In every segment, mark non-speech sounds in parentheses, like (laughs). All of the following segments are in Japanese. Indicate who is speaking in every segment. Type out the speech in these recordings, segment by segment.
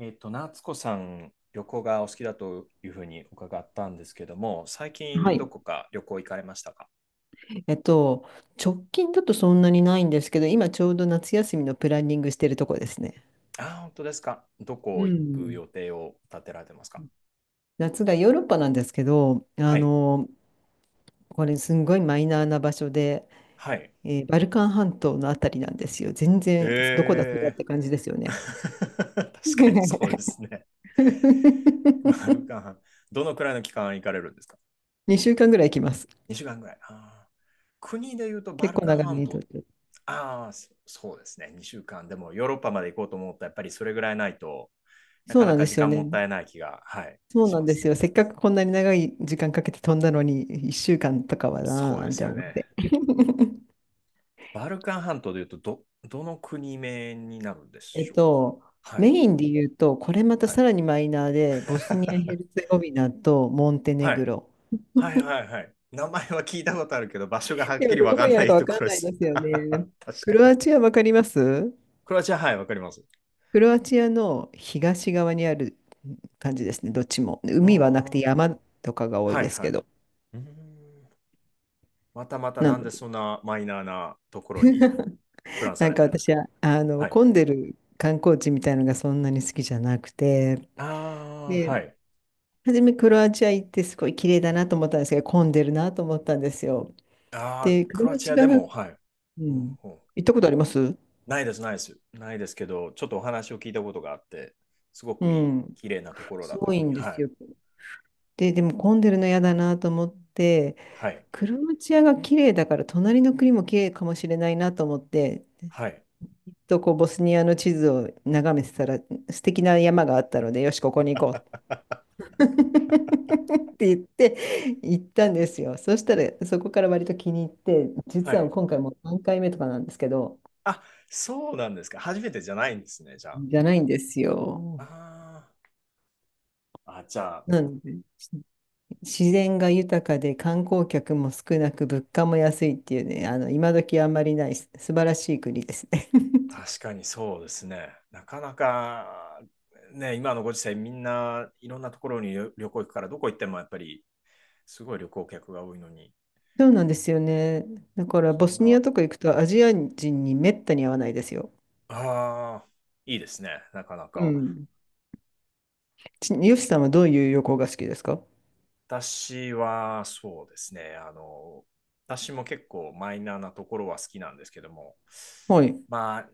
Speaker 1: 夏子さん、旅行がお好きだというふうに伺ったんですけども、最
Speaker 2: は
Speaker 1: 近ど
Speaker 2: い。
Speaker 1: こか旅行行かれましたか？
Speaker 2: えっと、直近だとそんなにないんですけど、今ちょうど夏休みのプランニングしてるとこですね。
Speaker 1: あー、本当ですか。ど
Speaker 2: う
Speaker 1: こ行く
Speaker 2: ん。
Speaker 1: 予定を立てられてますか？
Speaker 2: 夏がヨーロッパなんですけど、
Speaker 1: はい。
Speaker 2: これすんごいマイナーな場所で、
Speaker 1: はい。
Speaker 2: バルカン半島のあたりなんですよ。全然、どこだそれっ
Speaker 1: え
Speaker 2: て感じですよね。
Speaker 1: (laughs) 確かにそう
Speaker 2: (laughs)
Speaker 1: ですね。バルカン半、どのくらいの期間行かれるんですか？
Speaker 2: 2週間ぐらい行きます。
Speaker 1: 2 週間ぐらい。あー、国で言うとバ
Speaker 2: 結
Speaker 1: ル
Speaker 2: 構
Speaker 1: カン
Speaker 2: 長
Speaker 1: 半
Speaker 2: めにとっ
Speaker 1: 島、
Speaker 2: て。
Speaker 1: ああ、そうですね。2週間。でもヨーロッパまで行こうと思ったらやっぱりそれぐらいないと、な
Speaker 2: そ
Speaker 1: か
Speaker 2: う
Speaker 1: な
Speaker 2: なん
Speaker 1: か
Speaker 2: で
Speaker 1: 時
Speaker 2: すよ
Speaker 1: 間も
Speaker 2: ね。
Speaker 1: ったいない気が、はい、
Speaker 2: そう
Speaker 1: し
Speaker 2: なん
Speaker 1: ま
Speaker 2: で
Speaker 1: す
Speaker 2: すよ。
Speaker 1: ね。
Speaker 2: せっかくこんなに長い時間かけて飛んだのに、1週間とかはな
Speaker 1: そ
Speaker 2: ー
Speaker 1: う
Speaker 2: な
Speaker 1: で
Speaker 2: ん
Speaker 1: す
Speaker 2: て
Speaker 1: よ
Speaker 2: 思って。
Speaker 1: ね。
Speaker 2: (laughs)
Speaker 1: バルカン半島でいうとどの国名になるんで
Speaker 2: え
Speaker 1: し
Speaker 2: っ
Speaker 1: ょう
Speaker 2: と、
Speaker 1: か？は
Speaker 2: メ
Speaker 1: い。
Speaker 2: インで言うと、これまた
Speaker 1: は
Speaker 2: さ
Speaker 1: い。
Speaker 2: らにマイナーで、ボスニア・ヘ
Speaker 1: (laughs)
Speaker 2: ルツェゴビナとモンテネ
Speaker 1: は
Speaker 2: グ
Speaker 1: い。
Speaker 2: ロ。
Speaker 1: はいはいはい。名前は聞いたことあるけど、場所がはっ
Speaker 2: で
Speaker 1: き
Speaker 2: も
Speaker 1: りわ
Speaker 2: どこ
Speaker 1: かん
Speaker 2: にあ
Speaker 1: な
Speaker 2: るか
Speaker 1: い
Speaker 2: わ
Speaker 1: とこ
Speaker 2: かん
Speaker 1: ろで
Speaker 2: ないで
Speaker 1: す
Speaker 2: す
Speaker 1: (laughs)。
Speaker 2: よね。
Speaker 1: 確
Speaker 2: ク
Speaker 1: か
Speaker 2: ロ
Speaker 1: に。
Speaker 2: アチアわかります？
Speaker 1: クロアチア、はい、わかります。
Speaker 2: クロアチアの東側にある感じですね、どっちも。
Speaker 1: ああ、
Speaker 2: 海はなくて
Speaker 1: は
Speaker 2: 山とかが多
Speaker 1: い
Speaker 2: いです
Speaker 1: は
Speaker 2: け
Speaker 1: い。
Speaker 2: ど。
Speaker 1: うーんまたまた
Speaker 2: な
Speaker 1: なん
Speaker 2: の
Speaker 1: で
Speaker 2: で、
Speaker 1: そんなマイナーなところに
Speaker 2: (laughs)
Speaker 1: プランさ
Speaker 2: なん
Speaker 1: れ
Speaker 2: か
Speaker 1: てるんです
Speaker 2: 私
Speaker 1: か？
Speaker 2: は、
Speaker 1: はい。
Speaker 2: 混んでる観光地みたいなのがそんなに好きじゃなくて、
Speaker 1: ああ、
Speaker 2: で、
Speaker 1: はい。
Speaker 2: 初めクロアチア行ってすごい綺麗だなと思ったんですけど、混んでるなと思ったんですよ。
Speaker 1: ああ、
Speaker 2: で、ク
Speaker 1: ク
Speaker 2: ロ
Speaker 1: ロア
Speaker 2: ア
Speaker 1: チア
Speaker 2: チア
Speaker 1: で
Speaker 2: がう
Speaker 1: も、はい。うん
Speaker 2: ん。
Speaker 1: うん。
Speaker 2: 行ったことあります？
Speaker 1: ないです、ないです。ないですけど、ちょっとお話を聞いたことがあって、すご
Speaker 2: う
Speaker 1: くいい、
Speaker 2: ん。
Speaker 1: 綺麗なところ
Speaker 2: す
Speaker 1: だとい
Speaker 2: ご
Speaker 1: うふ
Speaker 2: い
Speaker 1: うに、
Speaker 2: んで
Speaker 1: は
Speaker 2: す
Speaker 1: い、
Speaker 2: よ。で、でも混んでるの嫌だなと思って、
Speaker 1: はい、
Speaker 2: クロアチアが綺麗だから隣の国も綺麗かもしれないなと思って、
Speaker 1: はい、
Speaker 2: とこうボスニアの地図を眺めてたら素敵な山があったので、よし、ここに行こう (laughs) って言って行ったんですよ。そしたらそこから割と気に入って、
Speaker 1: は
Speaker 2: 実は
Speaker 1: い。
Speaker 2: 今回もう3回目とかなんですけど、
Speaker 1: あ、そうなんですか。初めてじゃないんですね、じゃあ。
Speaker 2: じゃないんですよ。
Speaker 1: ああ、じゃあ、
Speaker 2: なので、自然が豊かで観光客も少なく物価も安いっていうね、今時あんまりない素晴らしい国ですね。(laughs)
Speaker 1: 確かにそうですね。なかなか、ね、今のご時世、みんないろんなところに旅行行くから、どこ行ってもやっぱり、すごい旅行客が多いのに、
Speaker 2: そうなんですよね。だから
Speaker 1: そ
Speaker 2: ボ
Speaker 1: ん
Speaker 2: スニ
Speaker 1: な、
Speaker 2: アとか行くとアジア人にめったに会わないですよ。
Speaker 1: ああ、いいですね、なかな
Speaker 2: う
Speaker 1: か。
Speaker 2: ん。ヨシさんはどういう旅行が好きですか？
Speaker 1: 私はそうですね、私も結構マイナーなところは好きなんですけども、
Speaker 2: はい。
Speaker 1: まあ、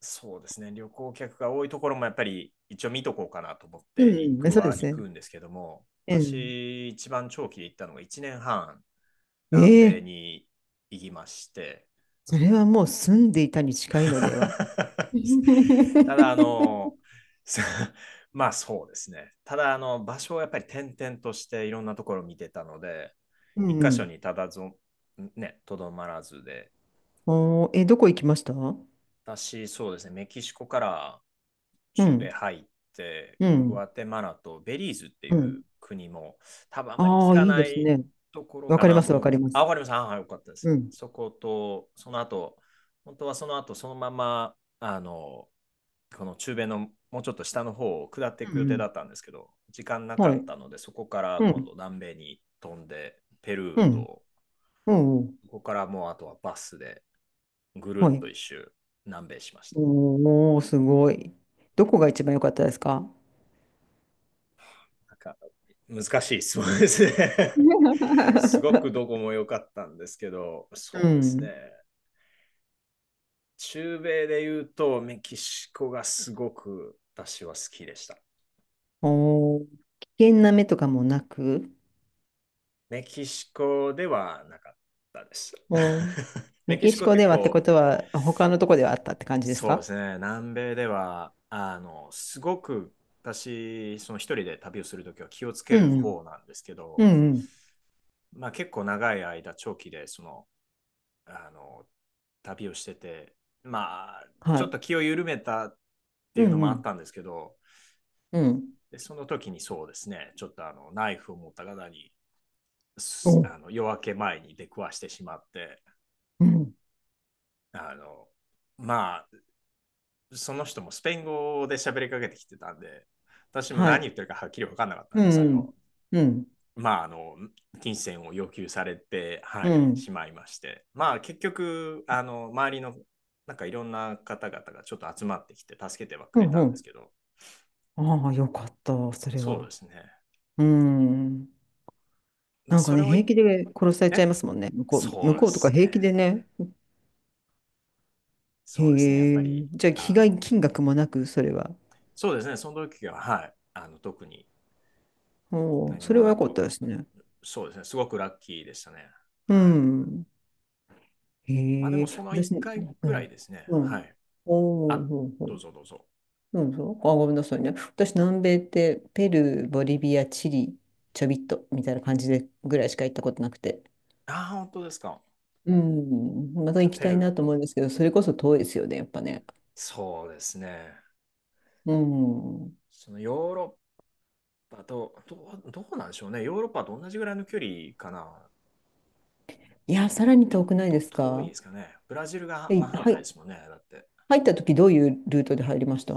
Speaker 1: そうですね、旅行客が多いところもやっぱり一応見とこうかなと思っ
Speaker 2: う
Speaker 1: て行
Speaker 2: ん、
Speaker 1: く
Speaker 2: そう
Speaker 1: は
Speaker 2: です
Speaker 1: 行く
Speaker 2: ね。
Speaker 1: んですけども、
Speaker 2: うん。
Speaker 1: 私、一番長期で行ったのが1年半、南米
Speaker 2: ええ、
Speaker 1: に行きまして、
Speaker 2: それはもう住んでいたに近いのでは。(laughs)
Speaker 1: (laughs)
Speaker 2: うん
Speaker 1: ただ、(laughs) まあそうですね。ただ、場所をやっぱり転々としていろんなところを見てたので、
Speaker 2: う
Speaker 1: 一箇所
Speaker 2: ん。
Speaker 1: にただぞ、ね、とどまらずで、
Speaker 2: おー、え、どこ行きました？うん。
Speaker 1: 私、そうですね、メキシコから中米
Speaker 2: う
Speaker 1: 入って、グ
Speaker 2: ん。
Speaker 1: アテマラとベリーズって
Speaker 2: う
Speaker 1: いう
Speaker 2: ん。
Speaker 1: 国も、多分あまり聞
Speaker 2: ああ、
Speaker 1: か
Speaker 2: いい
Speaker 1: な
Speaker 2: です
Speaker 1: い
Speaker 2: ね。
Speaker 1: ところ
Speaker 2: わ
Speaker 1: か
Speaker 2: かり
Speaker 1: な
Speaker 2: ま
Speaker 1: と
Speaker 2: す、わ
Speaker 1: 思うん
Speaker 2: か
Speaker 1: で
Speaker 2: り
Speaker 1: す。
Speaker 2: ま
Speaker 1: あ、
Speaker 2: す。
Speaker 1: わかりました。あ、はい、よかったです。
Speaker 2: うん。
Speaker 1: そこと、その後、本当はその後、そのまま、あの、この中米のもうちょっと下の方を下ってい
Speaker 2: う
Speaker 1: く
Speaker 2: ん、
Speaker 1: 予
Speaker 2: う
Speaker 1: 定だ
Speaker 2: ん。
Speaker 1: ったんですけど、時間なか
Speaker 2: は
Speaker 1: っ
Speaker 2: い。
Speaker 1: たので、そこから
Speaker 2: う
Speaker 1: 今
Speaker 2: ん。
Speaker 1: 度南米に飛んで、ペル
Speaker 2: う
Speaker 1: ー
Speaker 2: ん。
Speaker 1: と、
Speaker 2: うん。うん、
Speaker 1: ここからもうあとはバスでぐる
Speaker 2: は
Speaker 1: っ
Speaker 2: い。
Speaker 1: と一周南米しました。
Speaker 2: おー、すごい。どこが一番良かったですか？
Speaker 1: なんか難しい質問ですね。(laughs) すごく
Speaker 2: (laughs)
Speaker 1: どこも良かったんですけど、
Speaker 2: う
Speaker 1: そうですね。
Speaker 2: ん。
Speaker 1: 中米で言うとメキシコがすごく私は好きでした。
Speaker 2: おー、危険な目とかもなく、
Speaker 1: メキシコではなかったです。
Speaker 2: おー、
Speaker 1: (laughs) メ
Speaker 2: メ
Speaker 1: キ
Speaker 2: キ
Speaker 1: シ
Speaker 2: シ
Speaker 1: コ
Speaker 2: コ
Speaker 1: 結
Speaker 2: ではってこ
Speaker 1: 構
Speaker 2: とは、他のとこではあったって感じです
Speaker 1: そうで
Speaker 2: か？
Speaker 1: すね、南米ではすごく、私、その一人で旅をするときは気をつけ
Speaker 2: う
Speaker 1: る
Speaker 2: ん。
Speaker 1: 方なんですけ
Speaker 2: うん。う
Speaker 1: ど、
Speaker 2: んうん。
Speaker 1: まあ、結構長い間、長期であの、旅をしてて、まあ、
Speaker 2: は
Speaker 1: ちょっ
Speaker 2: い。
Speaker 1: と気を緩めたって
Speaker 2: う
Speaker 1: いうの
Speaker 2: んう
Speaker 1: もあっ
Speaker 2: ん。
Speaker 1: たんですけど、
Speaker 2: うん。
Speaker 1: でその時にそうですね、ちょっとナイフを持った方に、
Speaker 2: お、
Speaker 1: 夜明け前に出くわしてしまって、
Speaker 2: うん。
Speaker 1: あの、まあ、その人もスペイン語で喋りかけてきてたんで、私も
Speaker 2: は
Speaker 1: 何
Speaker 2: い。
Speaker 1: 言ってるかはっきり分かんなかった
Speaker 2: う
Speaker 1: んですけ
Speaker 2: んうん。
Speaker 1: ど、
Speaker 2: うん。
Speaker 1: まあ、金銭を要求されて、は
Speaker 2: う
Speaker 1: い、
Speaker 2: ん。
Speaker 1: しまいまして、まあ、結局、周りの、なんかいろんな方々がちょっと集まってきて、助けてはく
Speaker 2: う
Speaker 1: れ
Speaker 2: ん。
Speaker 1: た
Speaker 2: う
Speaker 1: んです
Speaker 2: ん。
Speaker 1: けど、
Speaker 2: ああ、よかった、それ
Speaker 1: そうで
Speaker 2: は。
Speaker 1: すね。
Speaker 2: うん。
Speaker 1: まあ、
Speaker 2: なんか
Speaker 1: それ
Speaker 2: ね、
Speaker 1: を
Speaker 2: 平
Speaker 1: い、
Speaker 2: 気で殺されちゃいま
Speaker 1: え、
Speaker 2: すもんね。向こう、向
Speaker 1: そうで
Speaker 2: こうとか
Speaker 1: す
Speaker 2: 平気
Speaker 1: ね。
Speaker 2: でね。へ
Speaker 1: そうですね。やっぱり、
Speaker 2: え。じゃあ、被
Speaker 1: あ
Speaker 2: 害
Speaker 1: の、
Speaker 2: 金額もなく、それは。
Speaker 1: そうですね。その時は、はい、特に
Speaker 2: おー、
Speaker 1: 何
Speaker 2: そ
Speaker 1: も
Speaker 2: れは
Speaker 1: な
Speaker 2: 良かっ
Speaker 1: く、
Speaker 2: たですね。
Speaker 1: そうですね。すごくラッキーでしたね。
Speaker 2: う
Speaker 1: はい。
Speaker 2: ん。
Speaker 1: まあ、で
Speaker 2: へ
Speaker 1: も、
Speaker 2: え。
Speaker 1: その1
Speaker 2: 私ね、
Speaker 1: 回
Speaker 2: う
Speaker 1: ぐらい
Speaker 2: ん。
Speaker 1: ですね。
Speaker 2: う
Speaker 1: は
Speaker 2: ん。
Speaker 1: い。
Speaker 2: おお
Speaker 1: あ、
Speaker 2: ほうほ
Speaker 1: どう
Speaker 2: う。
Speaker 1: ぞどうぞ。
Speaker 2: うん、そう。あ、ごめんなさいね。私、南米って、ペルー、ボリビア、チリ、ちょびっと、みたいな感じで、ぐらいしか行ったことなくて。
Speaker 1: あー、本当ですか。
Speaker 2: うん。また
Speaker 1: じゃあ、
Speaker 2: 行き
Speaker 1: ペ
Speaker 2: たい
Speaker 1: ルー、
Speaker 2: なと思うんですけど、それこそ遠いですよね、やっぱね。
Speaker 1: そうですね。
Speaker 2: うん。
Speaker 1: そのヨーロッパと、どうなんでしょうね。ヨーロッパと同じぐらいの距離かな。
Speaker 2: いや、さらに
Speaker 1: ちょ
Speaker 2: 遠
Speaker 1: っ
Speaker 2: くないで
Speaker 1: と
Speaker 2: す
Speaker 1: 遠い
Speaker 2: か？
Speaker 1: ですかね。ブラジルが
Speaker 2: え、
Speaker 1: 真反
Speaker 2: は
Speaker 1: 対で
Speaker 2: い、
Speaker 1: すもんね。だって。
Speaker 2: 入った時どういうルートで入りました？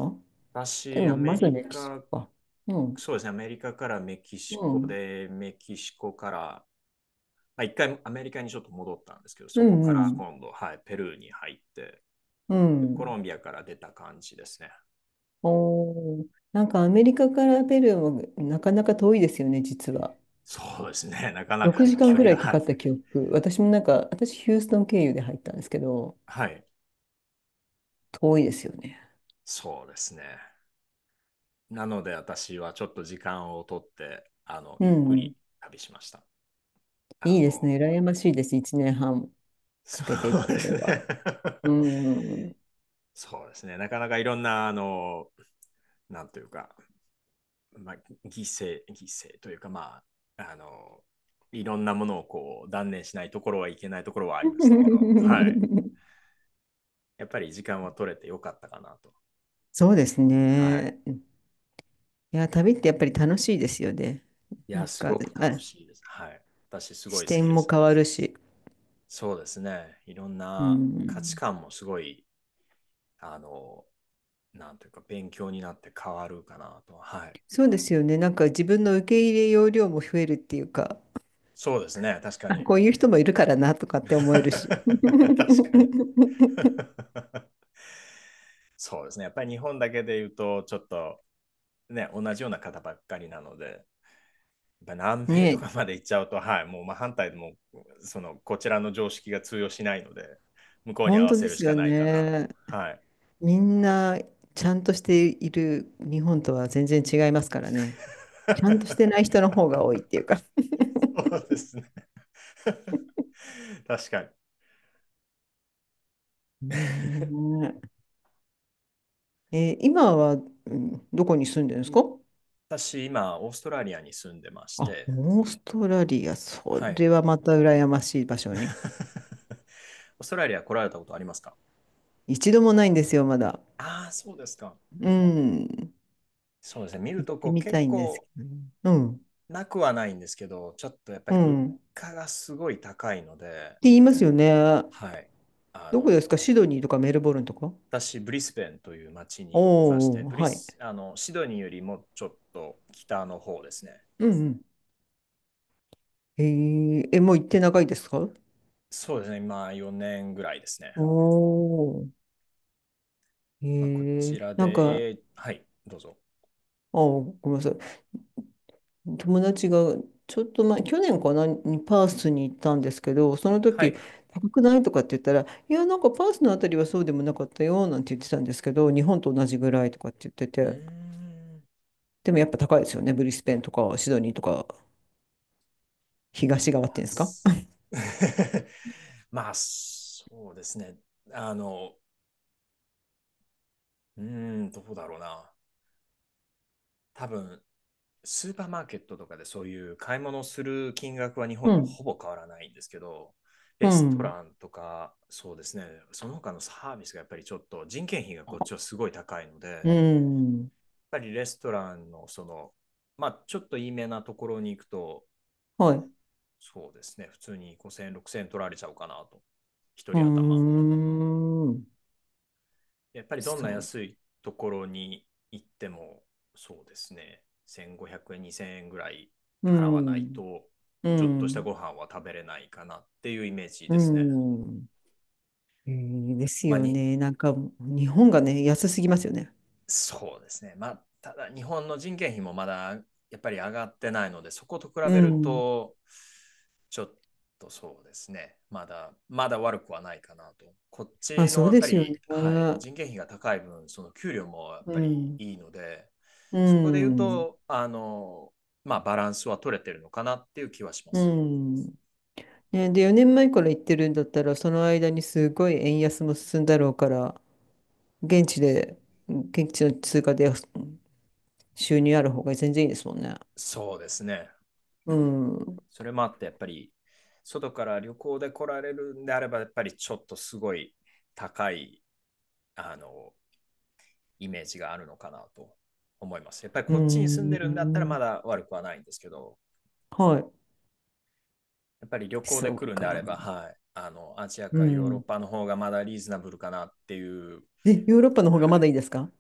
Speaker 2: で
Speaker 1: 私、ア
Speaker 2: も、ま
Speaker 1: メ
Speaker 2: ず
Speaker 1: リ
Speaker 2: メキシコ
Speaker 1: カ、
Speaker 2: か。うん、
Speaker 1: そうですね。アメリカからメキシ
Speaker 2: う
Speaker 1: コ
Speaker 2: ん、
Speaker 1: で、メキシコから、まあ、一回アメリカにちょっと戻ったんですけど、
Speaker 2: う
Speaker 1: そこ
Speaker 2: ん、
Speaker 1: か
Speaker 2: う
Speaker 1: ら
Speaker 2: ん。
Speaker 1: 今度、はい、ペルーに入って、
Speaker 2: う
Speaker 1: でコロ
Speaker 2: ん、
Speaker 1: ンビアから出た感じですね。
Speaker 2: おー、なんかアメリカからペルーもなかなか遠いですよね、実は。
Speaker 1: そうですね。なかなか
Speaker 2: 6
Speaker 1: の
Speaker 2: 時間
Speaker 1: 距
Speaker 2: ぐら
Speaker 1: 離
Speaker 2: いかか
Speaker 1: が、
Speaker 2: った記憶。私もなんか、私ヒューストン経由で入ったんですけど、
Speaker 1: はい。はい。
Speaker 2: 遠いですよね。
Speaker 1: そうですね。なので私はちょっと時間を取って、
Speaker 2: う
Speaker 1: ゆっく
Speaker 2: ん、
Speaker 1: り旅しました。あ
Speaker 2: いいで
Speaker 1: の、
Speaker 2: すね。羨ましいです。1年半
Speaker 1: そ
Speaker 2: かけてっ
Speaker 1: う
Speaker 2: てい
Speaker 1: で
Speaker 2: う
Speaker 1: す
Speaker 2: の
Speaker 1: ね (laughs)。
Speaker 2: は。うん。
Speaker 1: そうですね。なかなかいろんな、なんというか、まあ、犠牲というか、まあ、いろんなものをこう断念しないところはいけないところはありましたけど、はい。
Speaker 2: (laughs)
Speaker 1: やっぱり時間は取れてよかったかなと。
Speaker 2: そうです
Speaker 1: はい。
Speaker 2: ね。いや、旅ってやっぱり楽しいですよね。
Speaker 1: い
Speaker 2: な
Speaker 1: や、
Speaker 2: ん
Speaker 1: す
Speaker 2: か、
Speaker 1: ごく楽
Speaker 2: あ、
Speaker 1: しいです。はい。私、すご
Speaker 2: 視
Speaker 1: い好き
Speaker 2: 点
Speaker 1: で
Speaker 2: も
Speaker 1: す。
Speaker 2: 変わるし。
Speaker 1: そうですね。いろん
Speaker 2: う
Speaker 1: な価値
Speaker 2: ん。
Speaker 1: 観もすごい、あの、なんというか、勉強になって変わるかなと。はい。
Speaker 2: そうですよね。なんか自分の受け入れ容量も増えるっていうか、
Speaker 1: そうですね、確か
Speaker 2: あ、
Speaker 1: に。
Speaker 2: こういう人もいるからなとかって思えるし。
Speaker 1: (laughs) 確かに。
Speaker 2: (laughs)
Speaker 1: (laughs) そうですね、やっぱり日本だけで言うと、ちょっとね、同じような方ばっかりなので、やっぱ南米
Speaker 2: ね
Speaker 1: と
Speaker 2: え、
Speaker 1: かまで行っちゃうと、はい、もう真反対でも、その、こちらの常識が通用しないので、向こうに合
Speaker 2: 本
Speaker 1: わ
Speaker 2: 当
Speaker 1: せ
Speaker 2: で
Speaker 1: るし
Speaker 2: す
Speaker 1: か
Speaker 2: よ
Speaker 1: ないかなと。
Speaker 2: ね。
Speaker 1: はい。
Speaker 2: みんなちゃんとしている日本とは全然違いますからね。ちゃんとしてない
Speaker 1: (laughs)
Speaker 2: 人の方が多いっていうか。
Speaker 1: そうですね。(laughs) 確かに。
Speaker 2: ねえ。今は、うん、どこに住んでるんですか？
Speaker 1: 私、今、オーストラリアに住んでまし
Speaker 2: あ、
Speaker 1: て、
Speaker 2: オーストラリア、そ
Speaker 1: はい。
Speaker 2: れはまた羨ましい
Speaker 1: (laughs)
Speaker 2: 場所
Speaker 1: オ
Speaker 2: に。
Speaker 1: ーストラリア来られたことありますか？
Speaker 2: 一度もないんですよ、まだ。
Speaker 1: ああ、そうですか。
Speaker 2: うん。
Speaker 1: そうですね、見
Speaker 2: 行
Speaker 1: る
Speaker 2: っ
Speaker 1: とこ
Speaker 2: て
Speaker 1: う
Speaker 2: みた
Speaker 1: 結
Speaker 2: いんですけ
Speaker 1: 構
Speaker 2: どね。うん。
Speaker 1: なくはないんですけど、ちょっとやっぱり物
Speaker 2: うん。って
Speaker 1: 価がすごい高いので、
Speaker 2: 言いますよね。
Speaker 1: はい。あ
Speaker 2: どこ
Speaker 1: の、
Speaker 2: ですか？シドニーとかメルボルンとか？
Speaker 1: 私、ブリスベンという町
Speaker 2: お
Speaker 1: にいまして、
Speaker 2: ーお
Speaker 1: ブ
Speaker 2: ー、
Speaker 1: リ
Speaker 2: はい。
Speaker 1: ス、あの、シドニーよりもちょっと北の方ですね。
Speaker 2: うんうん。え、もう行って長いですか？
Speaker 1: そうですね、今4年ぐらいですね。
Speaker 2: おおー。え
Speaker 1: まあ、こちら
Speaker 2: なんか、
Speaker 1: で、はい、どうぞ。
Speaker 2: あーごめんなさい。友達がちょっと前、去年かな、にパースに行ったんですけど、その
Speaker 1: は
Speaker 2: 時、
Speaker 1: い。
Speaker 2: 高くないとかって言ったら、いや、なんかパースのあたりはそうでもなかったよ、なんて言ってたんですけど、日本と同じぐらいとかって言って
Speaker 1: うー
Speaker 2: て、
Speaker 1: ん。
Speaker 2: でもやっぱ高いですよね、ブリスベンとかシドニーとか、東側っていうんですか？
Speaker 1: (laughs) まあ、そうですね。あの、どうだろうな。多分、スーパーマーケットとかでそういう買い物をする金額は日本
Speaker 2: う
Speaker 1: と
Speaker 2: ん。
Speaker 1: ほぼ変わらないんですけど、
Speaker 2: う
Speaker 1: レスト
Speaker 2: ん。
Speaker 1: ランとか、そうですね、その他のサービスがやっぱりちょっと人件費がこっちはすごい高いので、や
Speaker 2: う
Speaker 1: っ
Speaker 2: ん。
Speaker 1: ぱりレストランのその、まあちょっといいめなところに行くと、
Speaker 2: はい。う
Speaker 1: そうですね、普通に5000円、6000円取られちゃうかなと、一人頭。
Speaker 2: ーん。
Speaker 1: やっぱりどん
Speaker 2: そ
Speaker 1: な
Speaker 2: う。
Speaker 1: 安いところに行っても、そうですね、1500円、2000円ぐらい
Speaker 2: う
Speaker 1: 払わない
Speaker 2: ん。
Speaker 1: と、
Speaker 2: う
Speaker 1: ちょっとしたご
Speaker 2: ん。
Speaker 1: 飯は食べれないかなっていうイメージ
Speaker 2: う
Speaker 1: ですね。
Speaker 2: ん。えーです
Speaker 1: まあ、
Speaker 2: よね。なんか、日本がね、安すぎますよね。
Speaker 1: そうですね。まあ、ただ日本の人件費もまだやっぱり上がってないので、そこと比
Speaker 2: う
Speaker 1: べる
Speaker 2: ん。
Speaker 1: と、ちょっとそうですね。まだまだ悪くはないかなと。こっ
Speaker 2: まあ、
Speaker 1: ち
Speaker 2: そ
Speaker 1: の
Speaker 2: う
Speaker 1: やっ
Speaker 2: で
Speaker 1: ぱ
Speaker 2: すよ
Speaker 1: り、
Speaker 2: ね。う
Speaker 1: はい、
Speaker 2: ん。
Speaker 1: 人件費が高い分、その給料もやっぱりいいので、
Speaker 2: う
Speaker 1: そこで言う
Speaker 2: ん。
Speaker 1: と、まあ、バランスは取れてるのかなっていう気はしま
Speaker 2: う
Speaker 1: す。
Speaker 2: ん。ね、で、4年前から行ってるんだったら、その間にすごい円安も進んだろうから、現地で、現地の通貨で収入ある方が全然いいですもんね。
Speaker 1: そうですね。
Speaker 2: うん。
Speaker 1: それもあって、やっぱり、外から旅行で来られるんであれば、やっぱりちょっとすごい高い、あの、イメージがあるのかなと思います。やっぱり
Speaker 2: う
Speaker 1: こっちに住んでるんだったらま
Speaker 2: ん。
Speaker 1: だ悪くはないんですけど、
Speaker 2: はい。
Speaker 1: やっぱり旅行で
Speaker 2: そう
Speaker 1: 来るんであ
Speaker 2: か。
Speaker 1: れば、はい、アジア
Speaker 2: う
Speaker 1: かヨーロッ
Speaker 2: ん。
Speaker 1: パの方がまだリーズナブルかなっていう、
Speaker 2: で、ヨーロッパの方が
Speaker 1: はい、
Speaker 2: まだいいですか？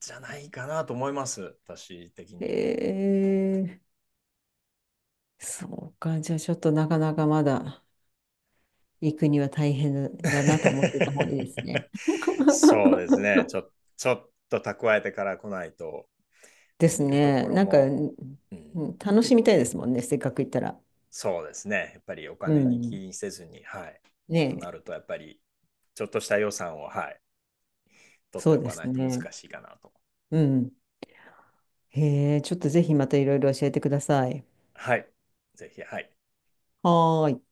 Speaker 1: じゃないかなと思います、私的に言うと。
Speaker 2: へえ、そうか。じゃあちょっとなかなかまだ行くには大変だなと思ってた方がいいですね。
Speaker 1: (laughs) そうですね、ち
Speaker 2: (laughs)
Speaker 1: ょちょっと蓄えてから来ないと、
Speaker 2: で
Speaker 1: で
Speaker 2: す
Speaker 1: 見るとこ
Speaker 2: ね。
Speaker 1: ろ
Speaker 2: なんか、う
Speaker 1: も、
Speaker 2: ん、
Speaker 1: うん、
Speaker 2: 楽しみたいですもんね。せっかく行ったら。
Speaker 1: そうですね、やっぱりお
Speaker 2: う
Speaker 1: 金に気
Speaker 2: ん。
Speaker 1: にせずに、はい、と
Speaker 2: ね
Speaker 1: な
Speaker 2: え。
Speaker 1: ると、やっぱりちょっとした予算を、はい、取っ
Speaker 2: そ
Speaker 1: てお
Speaker 2: うで
Speaker 1: かな
Speaker 2: す
Speaker 1: いと難
Speaker 2: ね。
Speaker 1: しいかなと。
Speaker 2: うん。へえ、ちょっとぜひまたいろいろ教えてください。
Speaker 1: はい、ぜひ、はい。
Speaker 2: はーい。